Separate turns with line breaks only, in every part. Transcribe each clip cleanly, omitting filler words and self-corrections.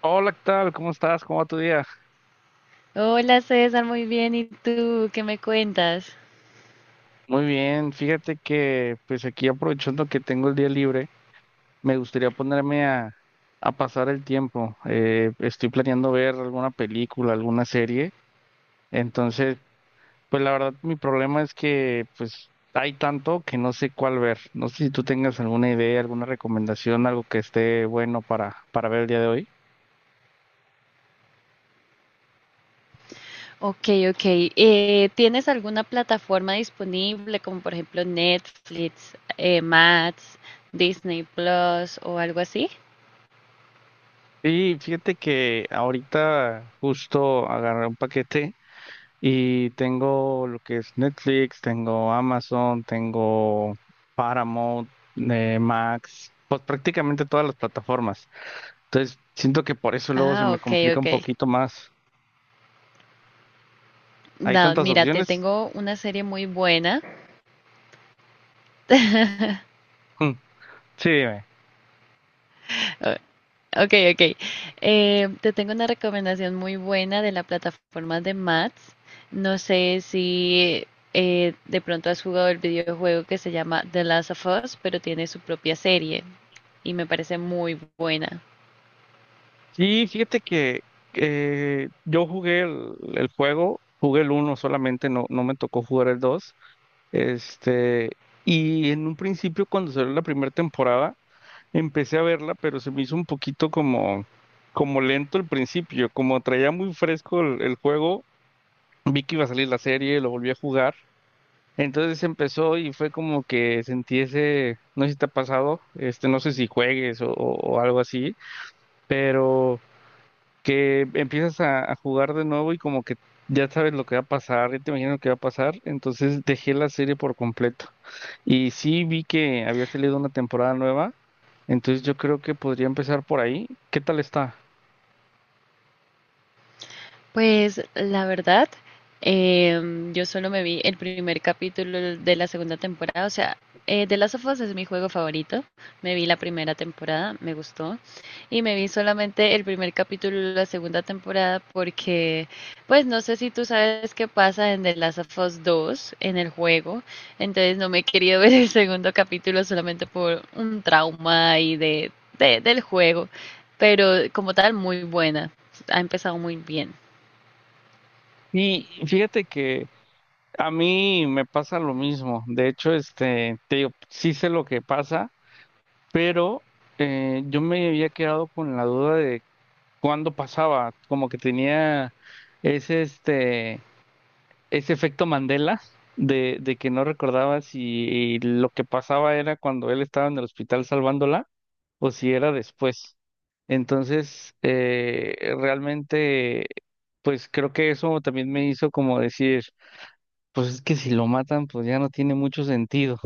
Hola, ¿qué tal? ¿Cómo estás? ¿Cómo va tu día?
Hola César, muy bien. ¿Y tú qué me cuentas?
Muy bien, fíjate que pues aquí aprovechando que tengo el día libre, me gustaría ponerme a pasar el tiempo. Estoy planeando ver alguna película, alguna serie. Entonces, pues la verdad mi problema es que pues hay tanto que no sé cuál ver. No sé si tú tengas alguna idea, alguna recomendación, algo que esté bueno para ver el día de hoy.
Ok, ok. ¿Tienes alguna plataforma disponible, como por ejemplo Netflix, Max, Disney Plus o algo así?
Y fíjate que ahorita justo agarré un paquete. Y tengo lo que es Netflix, tengo Amazon, tengo Paramount, Max, pues prácticamente todas las plataformas. Entonces, siento que por eso luego se
Ah,
me
ok,
complica
ok.
un poquito más. ¿Hay
No,
tantas
mira, te
opciones?
tengo una serie muy buena.
Mm, sí, dime.
Ok, ok. Te tengo una recomendación muy buena de la plataforma de Mats. No sé si de pronto has jugado el videojuego que se llama The Last of Us, pero tiene su propia serie y me parece muy buena.
Sí, fíjate que yo jugué el juego, jugué el uno solamente, no, no me tocó jugar el dos. Este, y en un principio, cuando salió la primera temporada, empecé a verla, pero se me hizo un poquito como, como lento al principio, como traía muy fresco el juego, vi que iba a salir la serie, lo volví a jugar, entonces empezó y fue como que sentí ese, no sé si te ha pasado, este, no sé si juegues o algo así, pero que empiezas a jugar de nuevo y como que ya sabes lo que va a pasar, ya te imaginas lo que va a pasar, entonces dejé la serie por completo. Y sí vi que había salido una temporada nueva. Entonces yo creo que podría empezar por ahí. ¿Qué tal está?
Pues la verdad, yo solo me vi el primer capítulo de la segunda temporada, o sea, The Last of Us es mi juego favorito, me vi la primera temporada, me gustó, y me vi solamente el primer capítulo de la segunda temporada porque, pues no sé si tú sabes qué pasa en The Last of Us 2, en el juego, entonces no me he querido ver el segundo capítulo solamente por un trauma ahí de, del juego, pero como tal, muy buena, ha empezado muy bien.
Y fíjate que a mí me pasa lo mismo. De hecho, este, te digo, sí sé lo que pasa, pero yo me había quedado con la duda de cuándo pasaba, como que tenía ese, este, ese efecto Mandela de que no recordaba si lo que pasaba era cuando él estaba en el hospital salvándola o si era después. Entonces, realmente, pues creo que eso también me hizo como decir, pues es que si lo matan, pues ya no tiene mucho sentido.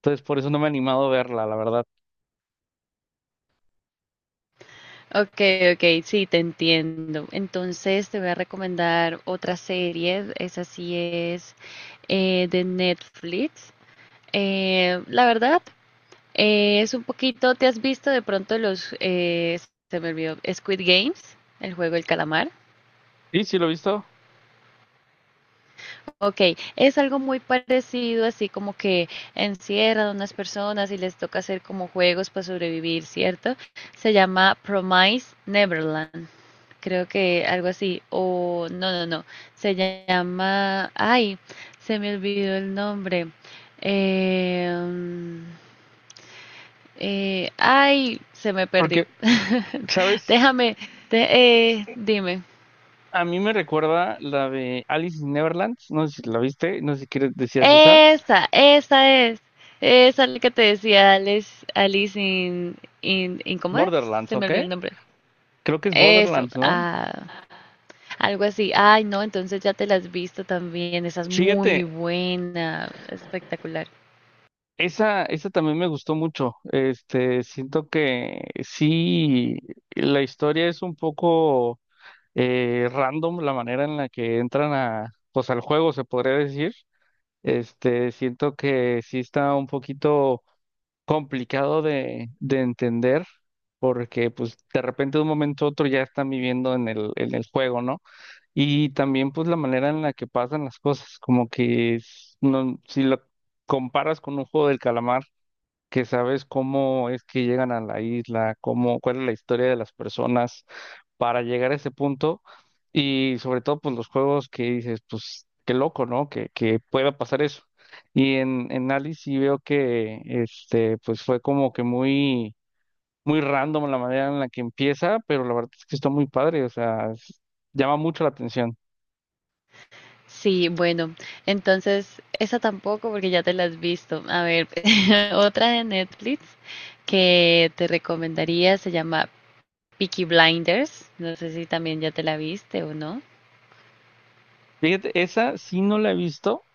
Entonces, por eso no me he animado a verla, la verdad.
Ok, ok, sí, te entiendo. Entonces te voy a recomendar otra serie, esa sí es de Netflix. La verdad, es un poquito, ¿te has visto de pronto los, se me olvidó, Squid Games, el juego del calamar?
¿Y si lo he visto?
Ok, es algo muy parecido, así como que encierran a unas personas y les toca hacer como juegos para sobrevivir, ¿cierto? Se llama Promise Neverland. Creo que algo así, o no, se llama, ay, se me olvidó el nombre, Em, ay, se me perdió,
Porque, ¿sabes?
déjame, dime,
A mí me recuerda la de Alice in Neverland, no sé si la viste, no sé si quieres decías esa.
esa, esa es, esa es la que te decía Alice, Alice in, ¿cómo es?
Borderlands,
Se me
¿ok?
olvidó el nombre,
Creo que es
eso,
Borderlands, ¿no?
ah, algo así. Ay, no, entonces ya te la has visto también. Esa es muy
Fíjate,
buena. Espectacular.
esa también me gustó mucho. Este, siento que sí, la historia es un poco random, la manera en la que entran a, pues al juego, se podría decir. Este, siento que sí está un poquito complicado de entender, porque pues de repente de un momento a otro ya están viviendo en el juego, ¿no? Y también pues la manera en la que pasan las cosas, como que es- no, si lo comparas con un juego del calamar que sabes cómo es que llegan a la isla, cómo, cuál es la historia de las personas para llegar a ese punto y sobre todo pues los juegos que dices, pues qué loco, ¿no? Que pueda pasar eso. Y en Alice sí veo que este pues fue como que muy muy random la manera en la que empieza, pero la verdad es que está muy padre, o sea, es- llama mucho la atención.
Sí, bueno. Entonces, esa tampoco porque ya te la has visto. A ver, otra de Netflix que te recomendaría se llama Peaky Blinders. No sé si también ya te la viste o no.
Fíjate, esa sí no la he visto.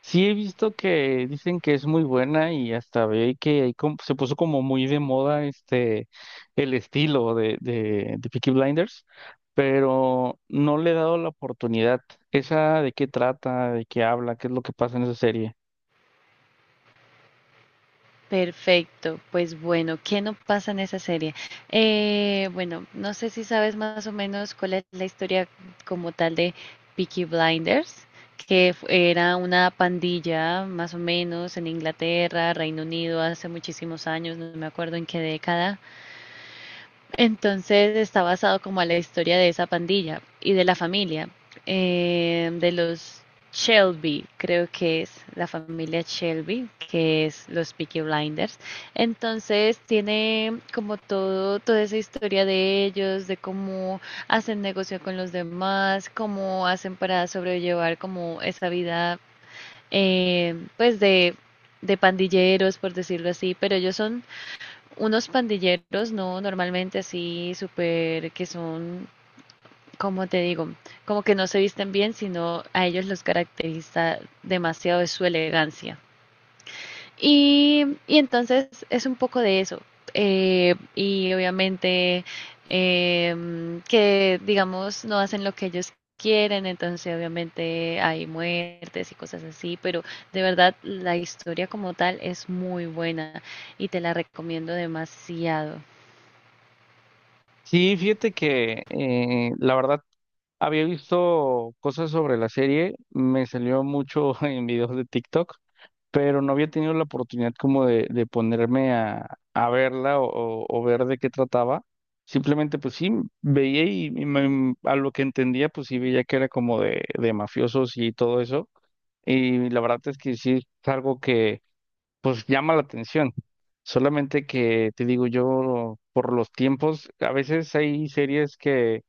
Sí, he visto que dicen que es muy buena y hasta ve que ahí com- se puso como muy de moda este el estilo de Peaky Blinders, pero no le he dado la oportunidad. ¿Esa de qué trata? ¿De qué habla? ¿Qué es lo que pasa en esa serie?
Perfecto, pues bueno, ¿qué no pasa en esa serie? Bueno, no sé si sabes más o menos cuál es la historia como tal de Peaky Blinders, que era una pandilla más o menos en Inglaterra, Reino Unido, hace muchísimos años, no me acuerdo en qué década. Entonces está basado como a la historia de esa pandilla y de la familia, de los Shelby, creo que es la familia Shelby, que es los Peaky Blinders. Entonces tiene como todo, toda esa historia de ellos, de cómo hacen negocio con los demás, cómo hacen para sobrellevar como esa vida, pues de pandilleros, por decirlo así, pero ellos son unos pandilleros, no, normalmente así, súper, que son, como te digo, como que no se visten bien, sino a ellos los caracteriza demasiado de su elegancia. Y entonces es un poco de eso. Y obviamente que, digamos, no hacen lo que ellos quieren, entonces obviamente hay muertes y cosas así, pero de verdad la historia como tal es muy buena y te la recomiendo demasiado.
Sí, fíjate que la verdad había visto cosas sobre la serie, me salió mucho en videos de TikTok, pero no había tenido la oportunidad como de ponerme a verla o ver de qué trataba. Simplemente pues sí, veía y me- a lo que entendía pues sí veía que era como de mafiosos y todo eso. Y la verdad es que sí es algo que pues llama la atención. Solamente que te digo yo, por los tiempos, a veces hay series que...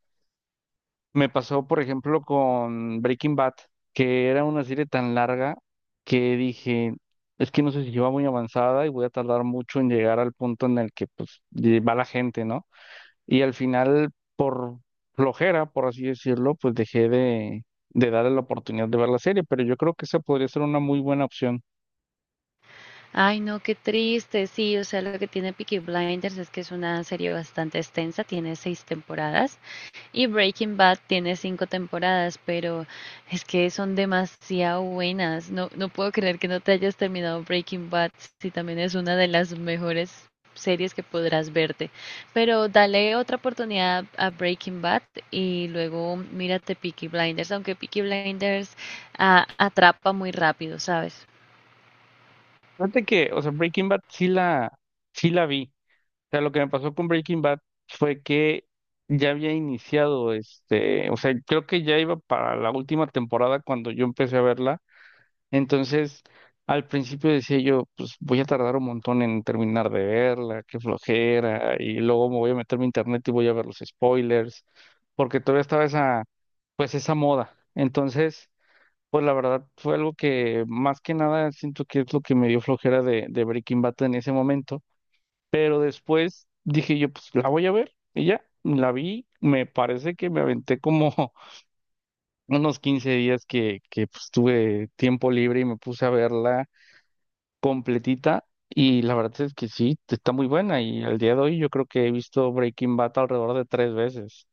Me pasó, por ejemplo, con Breaking Bad, que era una serie tan larga que dije, es que no sé si yo va muy avanzada y voy a tardar mucho en llegar al punto en el que pues ye- va la gente, ¿no? Y al final, por flojera, por así decirlo, pues dejé de darle la oportunidad de ver la serie, pero yo creo que esa podría ser una muy buena opción.
Ay, no, qué triste. Sí, o sea, lo que tiene Peaky Blinders es que es una serie bastante extensa, tiene 6 temporadas y Breaking Bad tiene 5 temporadas, pero es que son demasiado buenas. No, no puedo creer que no te hayas terminado Breaking Bad, si también es una de las mejores series que podrás verte. Pero dale otra oportunidad a Breaking Bad y luego mírate Peaky Blinders, aunque Peaky Blinders atrapa muy rápido, ¿sabes?
Fíjate que, o sea, Breaking Bad sí la vi. Sea, lo que me pasó con Breaking Bad fue que ya había iniciado, este, o sea, creo que ya iba para la última temporada cuando yo empecé a verla. Entonces, al principio decía yo, pues voy a tardar un montón en terminar de verla, qué flojera, y luego me voy a meter a mi internet y voy a ver los spoilers, porque todavía estaba esa, pues esa moda. Entonces, pues la verdad fue algo que más que nada siento que es lo que me dio flojera de Breaking Bad en ese momento. Pero después dije yo, pues la voy a ver. Y ya, la vi. Me parece que me aventé como unos 15 días que pues, tuve tiempo libre y me puse a verla completita. Y la verdad es que sí, está muy buena. Y al día de hoy yo creo que he visto Breaking Bad alrededor de 3 veces.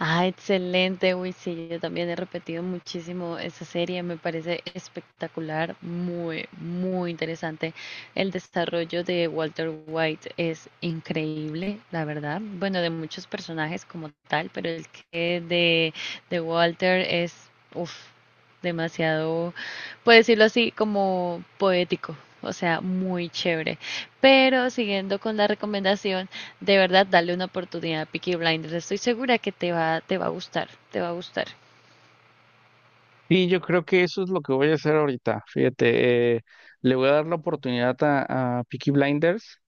Ah, excelente, uy, sí, yo también he repetido muchísimo esa serie, me parece espectacular, muy, muy interesante. El desarrollo de Walter White es increíble, la verdad. Bueno, de muchos personajes como tal, pero el que de Walter es, uff, demasiado, puedo decirlo así, como poético, o sea, muy chévere. Pero siguiendo con la recomendación de verdad, dale una oportunidad a Peaky Blinders. Estoy segura que te va a gustar, te va a gustar.
Y yo creo que eso es lo que voy a hacer ahorita. Fíjate, le voy a dar la oportunidad a Peaky Blinders.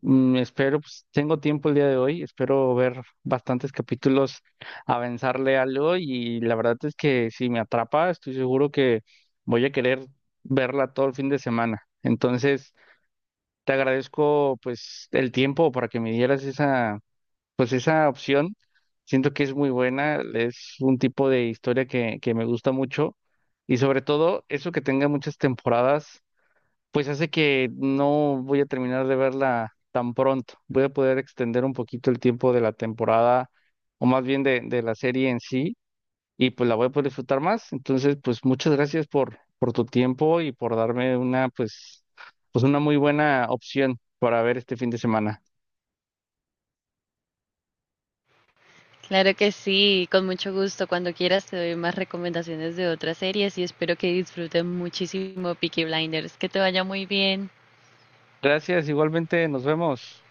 Mm, espero, pues tengo tiempo el día de hoy, espero ver bastantes capítulos, avanzarle algo y la verdad es que si me atrapa, estoy seguro que voy a querer verla todo el fin de semana. Entonces, te agradezco pues el tiempo para que me dieras esa pues esa opción. Siento que es muy buena, es un tipo de historia que me gusta mucho y sobre todo eso que tenga muchas temporadas pues hace que no voy a terminar de verla tan pronto. Voy a poder extender un poquito el tiempo de la temporada, o más bien de la serie en sí, y pues la voy a poder disfrutar más. Entonces, pues muchas gracias por tu tiempo y por darme una, pues, pues una muy buena opción para ver este fin de semana.
Claro que sí, con mucho gusto. Cuando quieras te doy más recomendaciones de otras series y espero que disfruten muchísimo Peaky Blinders. Que te vaya muy bien.
Gracias, igualmente, nos vemos.